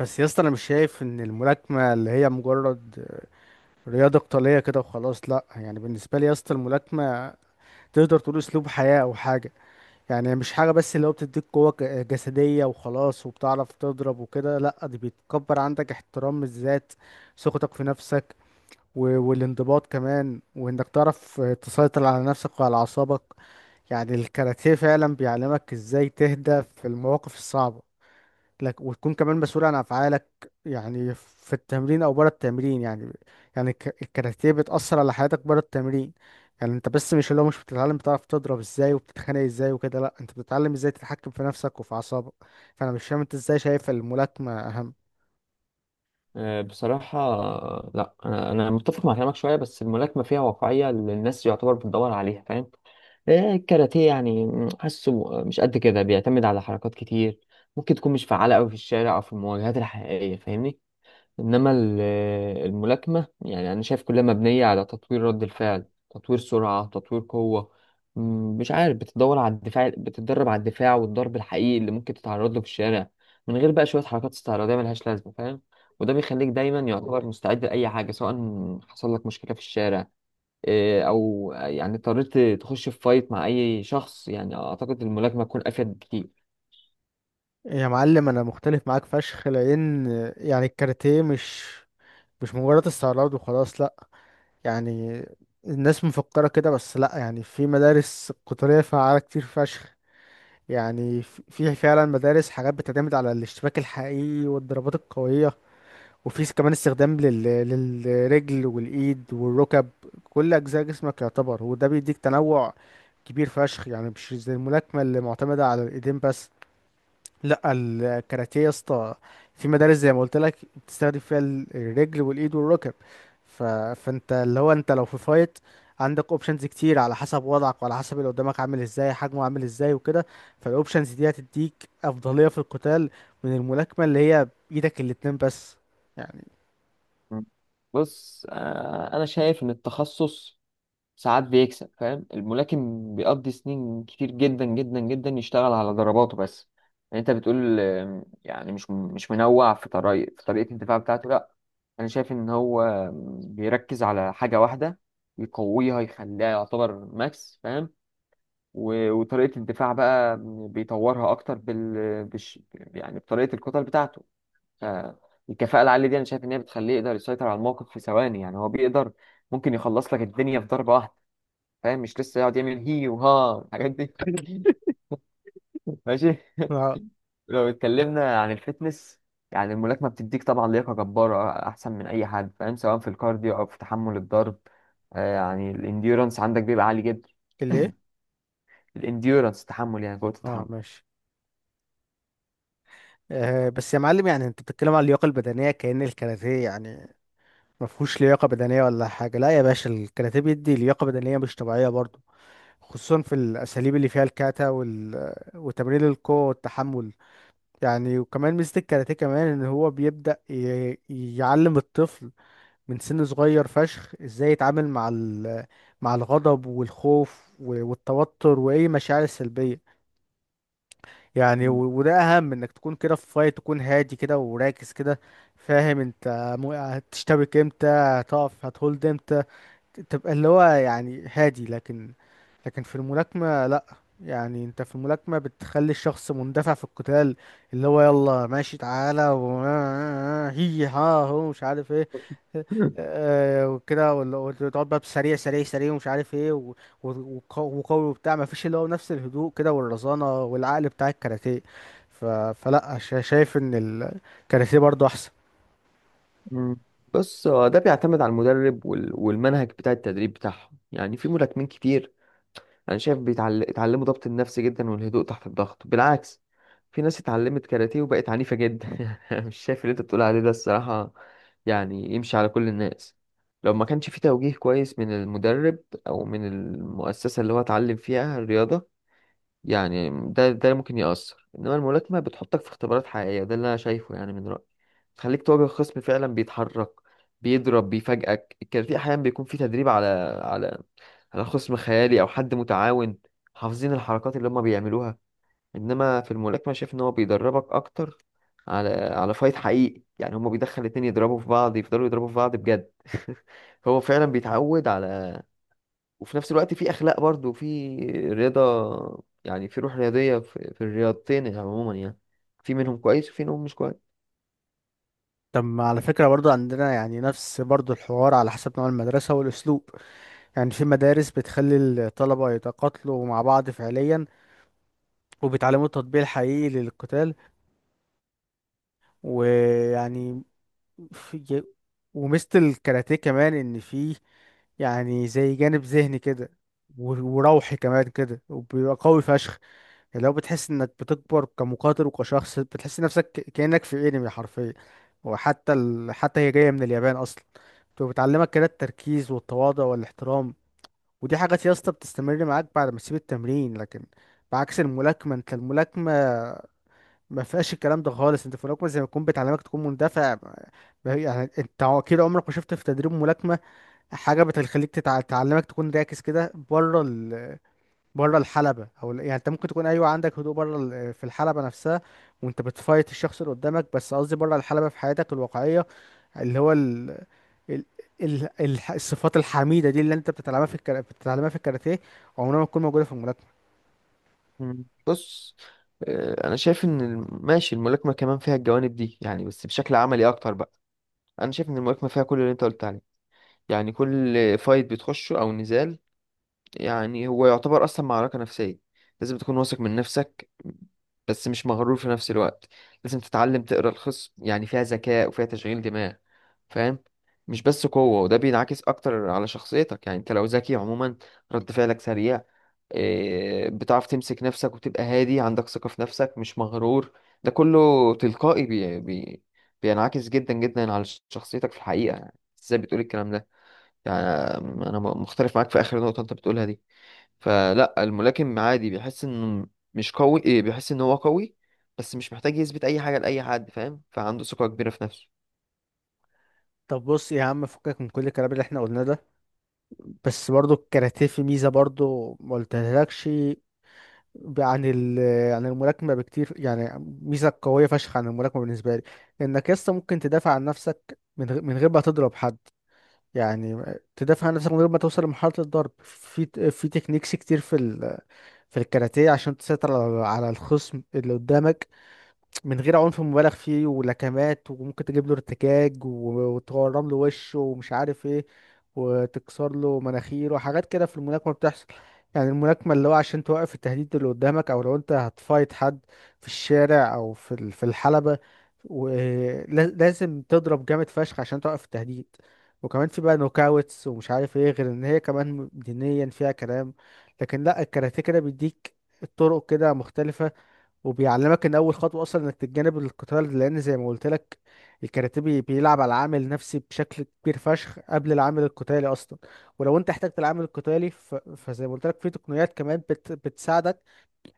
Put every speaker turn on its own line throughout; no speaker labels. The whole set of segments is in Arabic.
بس يا اسطى، انا مش شايف ان الملاكمه اللي هي مجرد رياضه قتاليه كده وخلاص، لا. يعني بالنسبه لي يا اسطى، الملاكمه تقدر تقول اسلوب حياه او حاجه. يعني هي مش حاجه بس اللي هو بتديك قوه جسديه وخلاص، وبتعرف تضرب وكده. لا، دي بيتكبر عندك احترام الذات، ثقتك في نفسك، والانضباط كمان، وانك تعرف تسيطر على نفسك وعلى اعصابك. يعني الكاراتيه فعلا بيعلمك ازاي تهدى في المواقف الصعبه لك، وتكون كمان مسؤول عن افعالك، يعني في التمرين او بره التمرين. يعني يعني الكاراتيه بتأثر على حياتك بره التمرين. يعني انت بس مش اللي هو مش بتتعلم بتعرف تضرب ازاي وبتتخانق ازاي وكده، لا انت بتتعلم ازاي تتحكم في نفسك وفي اعصابك. فانا مش فاهم انت ازاي شايف الملاكمة اهم؟
آه، بصراحة. لا، أنا متفق مع كلامك شوية، بس الملاكمة فيها واقعية اللي الناس يعتبر بتدور عليها، فاهم؟ آه، الكاراتيه يعني حاسه مش قد كده، بيعتمد على حركات كتير ممكن تكون مش فعالة أوي في الشارع أو في المواجهات الحقيقية، فاهمني؟ انما الملاكمه يعني انا شايف كلها مبنيه على تطوير رد الفعل، تطوير سرعه، تطوير قوه. م، مش عارف، بتدور على الدفاع، بتتدرب على الدفاع والضرب الحقيقي اللي ممكن تتعرض له في الشارع، من غير بقى شويه حركات استعراضيه ملهاش لازمه، فاهم؟ وده بيخليك دايما يعتبر مستعد لاي حاجه، سواء حصل لك مشكله في الشارع، إيه، او يعني اضطريت تخش في فايت مع اي شخص، يعني اعتقد الملاكمه تكون افيد بكتير.
يا معلم، انا مختلف معاك فشخ، لان يعني الكاراتيه مش مجرد استعراض وخلاص، لا. يعني الناس مفكرة كده، بس لا، يعني في مدارس قتالية فعالة كتير فشخ. يعني في فعلا مدارس حاجات بتعتمد على الاشتباك الحقيقي والضربات القوية، وفي كمان استخدام للرجل والإيد والركب. كل أجزاء جسمك يعتبر، وده بيديك تنوع كبير فشخ، يعني مش زي الملاكمة اللي معتمدة على الإيدين بس. لا، الكاراتيه يا اسطى في مدارس زي ما قلت لك بتستخدم فيها الرجل والايد والركب. ف... فانت اللي هو انت لو في فايت، عندك اوبشنز كتير على حسب وضعك، وعلى حسب اللي قدامك عامل ازاي، حجمه عامل ازاي، وكده. فالاوبشنز دي هتديك افضليه في القتال، من الملاكمه اللي هي بايدك الاتنين بس.
مم. بص، آه، انا شايف ان التخصص ساعات بيكسب، فاهم؟ الملاكم بيقضي سنين كتير جدا جدا جدا يشتغل على ضرباته بس. يعني انت بتقول يعني مش منوع في طريقة الدفاع بتاعته، لا. انا شايف ان هو بيركز على حاجة واحدة يقويها يخليها يعتبر ماكس، فاهم؟ وطريقة الدفاع بقى بيطورها اكتر بال بش يعني بطريقة الكتل بتاعته. ف- الكفاءة العالية دي انا شايف ان هي بتخليه يقدر يسيطر على الموقف في ثواني، يعني هو بيقدر، ممكن يخلص لك الدنيا في ضربة واحدة، فاهم؟ مش لسه يقعد يعمل هي وها الحاجات دي. ماشي.
اه.
لو اتكلمنا عن الفتنس، يعني الملاكمة بتديك طبعا لياقة جبارة أحسن من أي حد، فاهم؟ سواء في الكارديو أو في تحمل الضرب. آه، يعني الانديورنس عندك بيبقى عالي جدا.
اللي ايه؟
الانديورنس تحمل، يعني قوة
اه،
التحمل.
ماشي. بس يا معلم، يعني انت بتتكلم على اللياقه البدنيه كأن الكاراتيه يعني ما فيهوش لياقه بدنيه ولا حاجه. لا يا باشا، الكاراتيه بيدي لياقه بدنيه مش طبيعيه برضه، خصوصا في الاساليب اللي فيها الكاتا وتمرين القوه والتحمل. يعني وكمان ميزه الكاراتيه كمان، ان هو بيبدا يعلم الطفل من سن صغير فشخ، ازاي يتعامل مع الغضب والخوف والتوتر واي مشاعر سلبيه. يعني و...
مم.
وده اهم، انك تكون كده في فايت، تكون هادي كده وراكز كده. فاهم انت، هتشتبك امتى، هتقف هتهولد امتى، تبقى اللي هو يعني هادي. لكن في الملاكمة لا. يعني انت في الملاكمة بتخلي الشخص مندفع في القتال، اللي هو يلا ماشي تعالى و هي ها. هو مش عارف ايه. وكده وتقعد بقى بسريع سريع سريع ومش عارف ايه و- وقوي وبتاع، مفيش اللي هو نفس الهدوء كده والرزانة والعقل بتاع الكاراتيه. فلا، شايف ان الكاراتيه برضو احسن.
مم. بص، هو ده بيعتمد على المدرب والمنهج بتاع التدريب بتاعهم، يعني في ملاكمين كتير انا شايف اتعلموا ضبط النفس جدا والهدوء تحت الضغط، بالعكس. في ناس اتعلمت كاراتيه وبقت عنيفة جدا. مش شايف اللي انت بتقول عليه ده الصراحة، يعني يمشي على كل الناس لو ما كانش في توجيه كويس من المدرب او من المؤسسة اللي هو اتعلم فيها الرياضة. يعني ده ممكن يأثر، انما الملاكمة بتحطك في اختبارات حقيقية، ده اللي انا شايفه يعني من رأيي. تخليك تواجه خصم فعلا بيتحرك، بيضرب، بيفاجئك. الكاراتيه احيانا بيكون فيه تدريب على على على خصم خيالي او حد متعاون، حافظين الحركات اللي هم بيعملوها. انما في الملاكمه شايف ان هو بيدربك اكتر على فايت حقيقي، يعني هم بيدخل الاتنين يضربوا في بعض، يفضلوا يضربوا في بعض بجد. هو فعلا بيتعود على. وفي نفس الوقت في اخلاق برضو، في رياضه يعني، في روح رياضيه في الرياضتين يعني عموما، يعني في منهم كويس وفي منهم مش كويس.
طب، ما على فكرة برضو عندنا يعني نفس برضو الحوار على حسب نوع المدرسة والأسلوب. يعني في مدارس بتخلي الطلبة يتقاتلوا مع بعض فعليا، وبيتعلموا التطبيق الحقيقي للقتال، ويعني في وميزة الكاراتيه كمان ان فيه يعني زي جانب ذهني كده، وروحي كمان كده، وبيبقى قوي فشخ. يعني لو بتحس انك بتكبر كمقاتل وكشخص، بتحس نفسك كأنك في انمي حرفيا، وحتى ال... حتى هي جاية من اليابان اصلا، بتبقى بتعلمك كده التركيز والتواضع والاحترام. ودي حاجات يا اسطى بتستمر معاك بعد ما تسيب التمرين، لكن بعكس الملاكمة. انت الملاكمة ما فيهاش الكلام ده خالص. انت في الملاكمه زي ما تكون بتعلمك تكون مندفع. ما هي- يعني انت اكيد عمرك ما شفت في تدريب ملاكمه حاجه بتخليك تعلمك تكون راكز كده بره الحلبه. او يعني انت ممكن تكون، ايوه عندك هدوء، في الحلبه نفسها وانت بتفايت الشخص اللي قدامك، بس قصدي بره الحلبه في حياتك الواقعيه، اللي هو ال... الصفات الحميده دي اللي انت بتتعلمها بتتعلمها في الكاراتيه، عمرها ما تكون موجوده في الملاكمه.
مم. بص، آه، انا شايف ان ماشي، الملاكمه كمان فيها الجوانب دي يعني، بس بشكل عملي اكتر بقى. انا شايف ان الملاكمه فيها كل اللي انت قلت عليه، يعني كل فايت بتخشه او نزال، يعني هو يعتبر اصلا معركة نفسية. لازم تكون واثق من نفسك، بس مش مغرور في نفس الوقت. لازم تتعلم تقرا الخصم، يعني فيها ذكاء وفيها تشغيل دماغ، فاهم؟ مش بس قوة، وده بينعكس أكتر على شخصيتك، يعني أنت لو ذكي عموما، رد فعلك سريع، إيه، بتعرف تمسك نفسك وتبقى هادي، عندك ثقة في نفسك مش مغرور. ده كله تلقائي، بينعكس جدا جدا على شخصيتك في الحقيقة يعني. ازاي بتقول الكلام ده؟ يعني انا مختلف معاك في اخر نقطه انت بتقولها دي. فلا، الملاكم عادي بيحس انه مش قوي، إيه، بيحس ان هو قوي، بس مش محتاج يثبت اي حاجه لاي حد، فاهم؟ فعنده ثقه كبيره في نفسه.
طب بص يا عم، فكك من كل الكلام اللي احنا قلناه ده. بس برضو الكاراتيه في ميزة برضو ما قلتلكش ب- عن ال عن الملاكمة بكتير يعني، ميزة قوية فشخ عن الملاكمة بالنسبة لي. إنك يسطا ممكن تدافع عن نفسك من غير ما تضرب حد، يعني تدافع عن نفسك من غير ما توصل لمرحلة الضرب، في تكنيكس كتير في الكاراتيه عشان تسيطر على الخصم اللي قدامك، من غير عنف مبالغ فيه ولكمات، وممكن تجيب له ارتكاك وتورم له وشه ومش عارف ايه، وتكسر له مناخيره وحاجات كده في الملاكمة بتحصل. يعني الملاكمة اللي هو عشان توقف التهديد اللي قدامك، او لو انت هتفايت حد في الشارع او في الحلبة، ولازم تضرب جامد فشخ عشان توقف التهديد. وكمان في بقى نوكاوتس ومش عارف ايه، غير ان هي كمان دينيا فيها كلام. لكن لا، الكاراتيه كده بيديك الطرق كده مختلفة، وبيعلمك ان اول خطوه اصلا انك تتجنب القتال، لان زي ما قلت لك، الكاراتيه بيلعب على العامل النفسي بشكل كبير فشخ قبل العامل القتالي اصلا. ولو انت احتجت العامل القتالي، فزي ما قلت لك في تقنيات كمان بتساعدك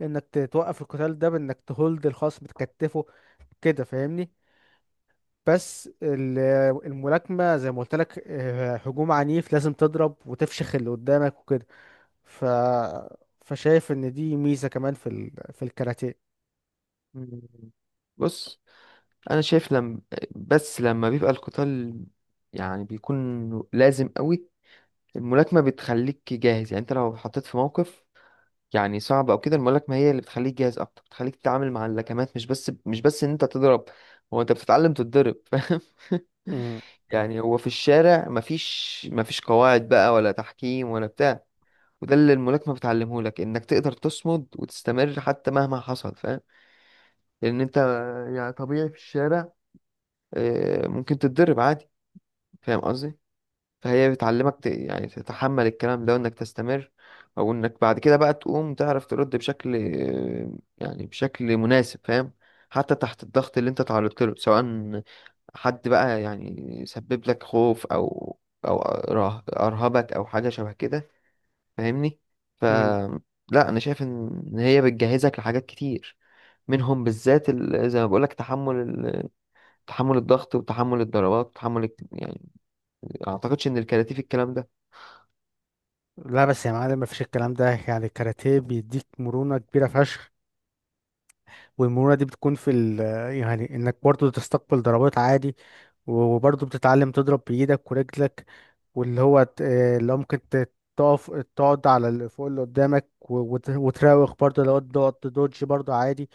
انك توقف القتال ده بانك تهولد الخصم، تكتفه كده، فاهمني. بس الملاكمه زي ما قلت لك هجوم عنيف، لازم تضرب وتفشخ اللي قدامك وكده. ف فشايف ان دي ميزه كمان في الكاراتيه.
مم. بص، انا شايف لم بس لما بيبقى القتال، يعني بيكون لازم قوي، الملاكمه بتخليك جاهز. يعني انت لو حطيت في موقف يعني صعب او كده، الملاكمه هي اللي بتخليك جاهز اكتر، بتخليك تتعامل مع اللكمات، مش بس ان انت تضرب. هو انت بتتعلم تتضرب، فاهم؟
مم.
يعني هو في الشارع مفيش قواعد بقى، ولا تحكيم ولا بتاع. وده اللي الملاكمة بتعلمه لك، انك تقدر تصمد وتستمر حتى مهما حصل، فاهم؟ لان انت يعني طبيعي في الشارع، آه، ممكن تتضرب عادي، فاهم قصدي؟ فهي بتعلمك يعني تتحمل الكلام ده وانك تستمر، او انك بعد كده بقى تقوم تعرف ترد بشكل، آه، يعني بشكل مناسب، فاهم؟ حتى تحت الضغط اللي انت تعرضت له، سواء حد بقى يعني يسبب لك خوف او ارهبك او حاجه شبه كده، فاهمني؟ ف
مم.
لا، انا شايف إن هي بتجهزك لحاجات كتير، منهم بالذات زي ما بقولك، تحمل تحمل الضغط، وتحمل الضربات، وتحمل يعني ما اعتقدش ان الكاراتيه في الكلام ده.
لا، بس يا معلم، مفيش الكلام ده. يعني الكاراتيه بيديك مرونة كبيرة فشخ، والمرونة دي بتكون في ال يعني انك برضو تستقبل ضربات عادي، وبرضو بتتعلم تضرب بإيدك ورجلك، واللي هو اللي هو ممكن تقف تقعد على اللي فوق اللي قدامك وتراوغ برضو، لو تقعد تدوج برضو عادي.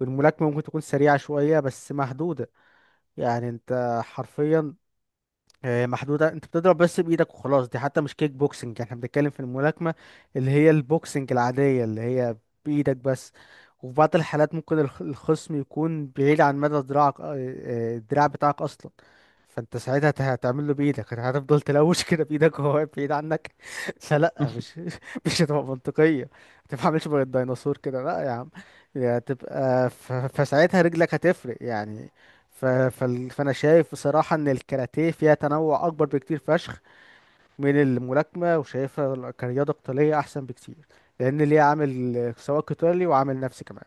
والملاكمة ممكن تكون سريعة شوية بس محدودة، يعني انت حرفيا محدودة، انت بتضرب بس بإيدك وخلاص. دي حتى مش كيك بوكسنج، احنا بنتكلم في الملاكمة، اللي هي البوكسنج العادية، اللي هي بإيدك بس. وفي بعض الحالات ممكن الخصم يكون بعيد عن مدى دراعك، الدراع بتاعك أصلا. فانت ساعتها هتعمل له بإيدك، هتفضل تلوش كده بإيدك، وهو واقف بعيد عنك. فلا، مش مش هتبقى منطقية، ما تفهمش بقى الديناصور كده، لا يا عم. هتبقى فساعتها رجلك هتفرق يعني. فانا شايف بصراحه ان الكاراتيه فيها تنوع اكبر بكتير فشخ من الملاكمه، وشايفها كرياضه قتاليه احسن بكتير، لان ليها عامل سواء قتالي وعامل نفسي كمان.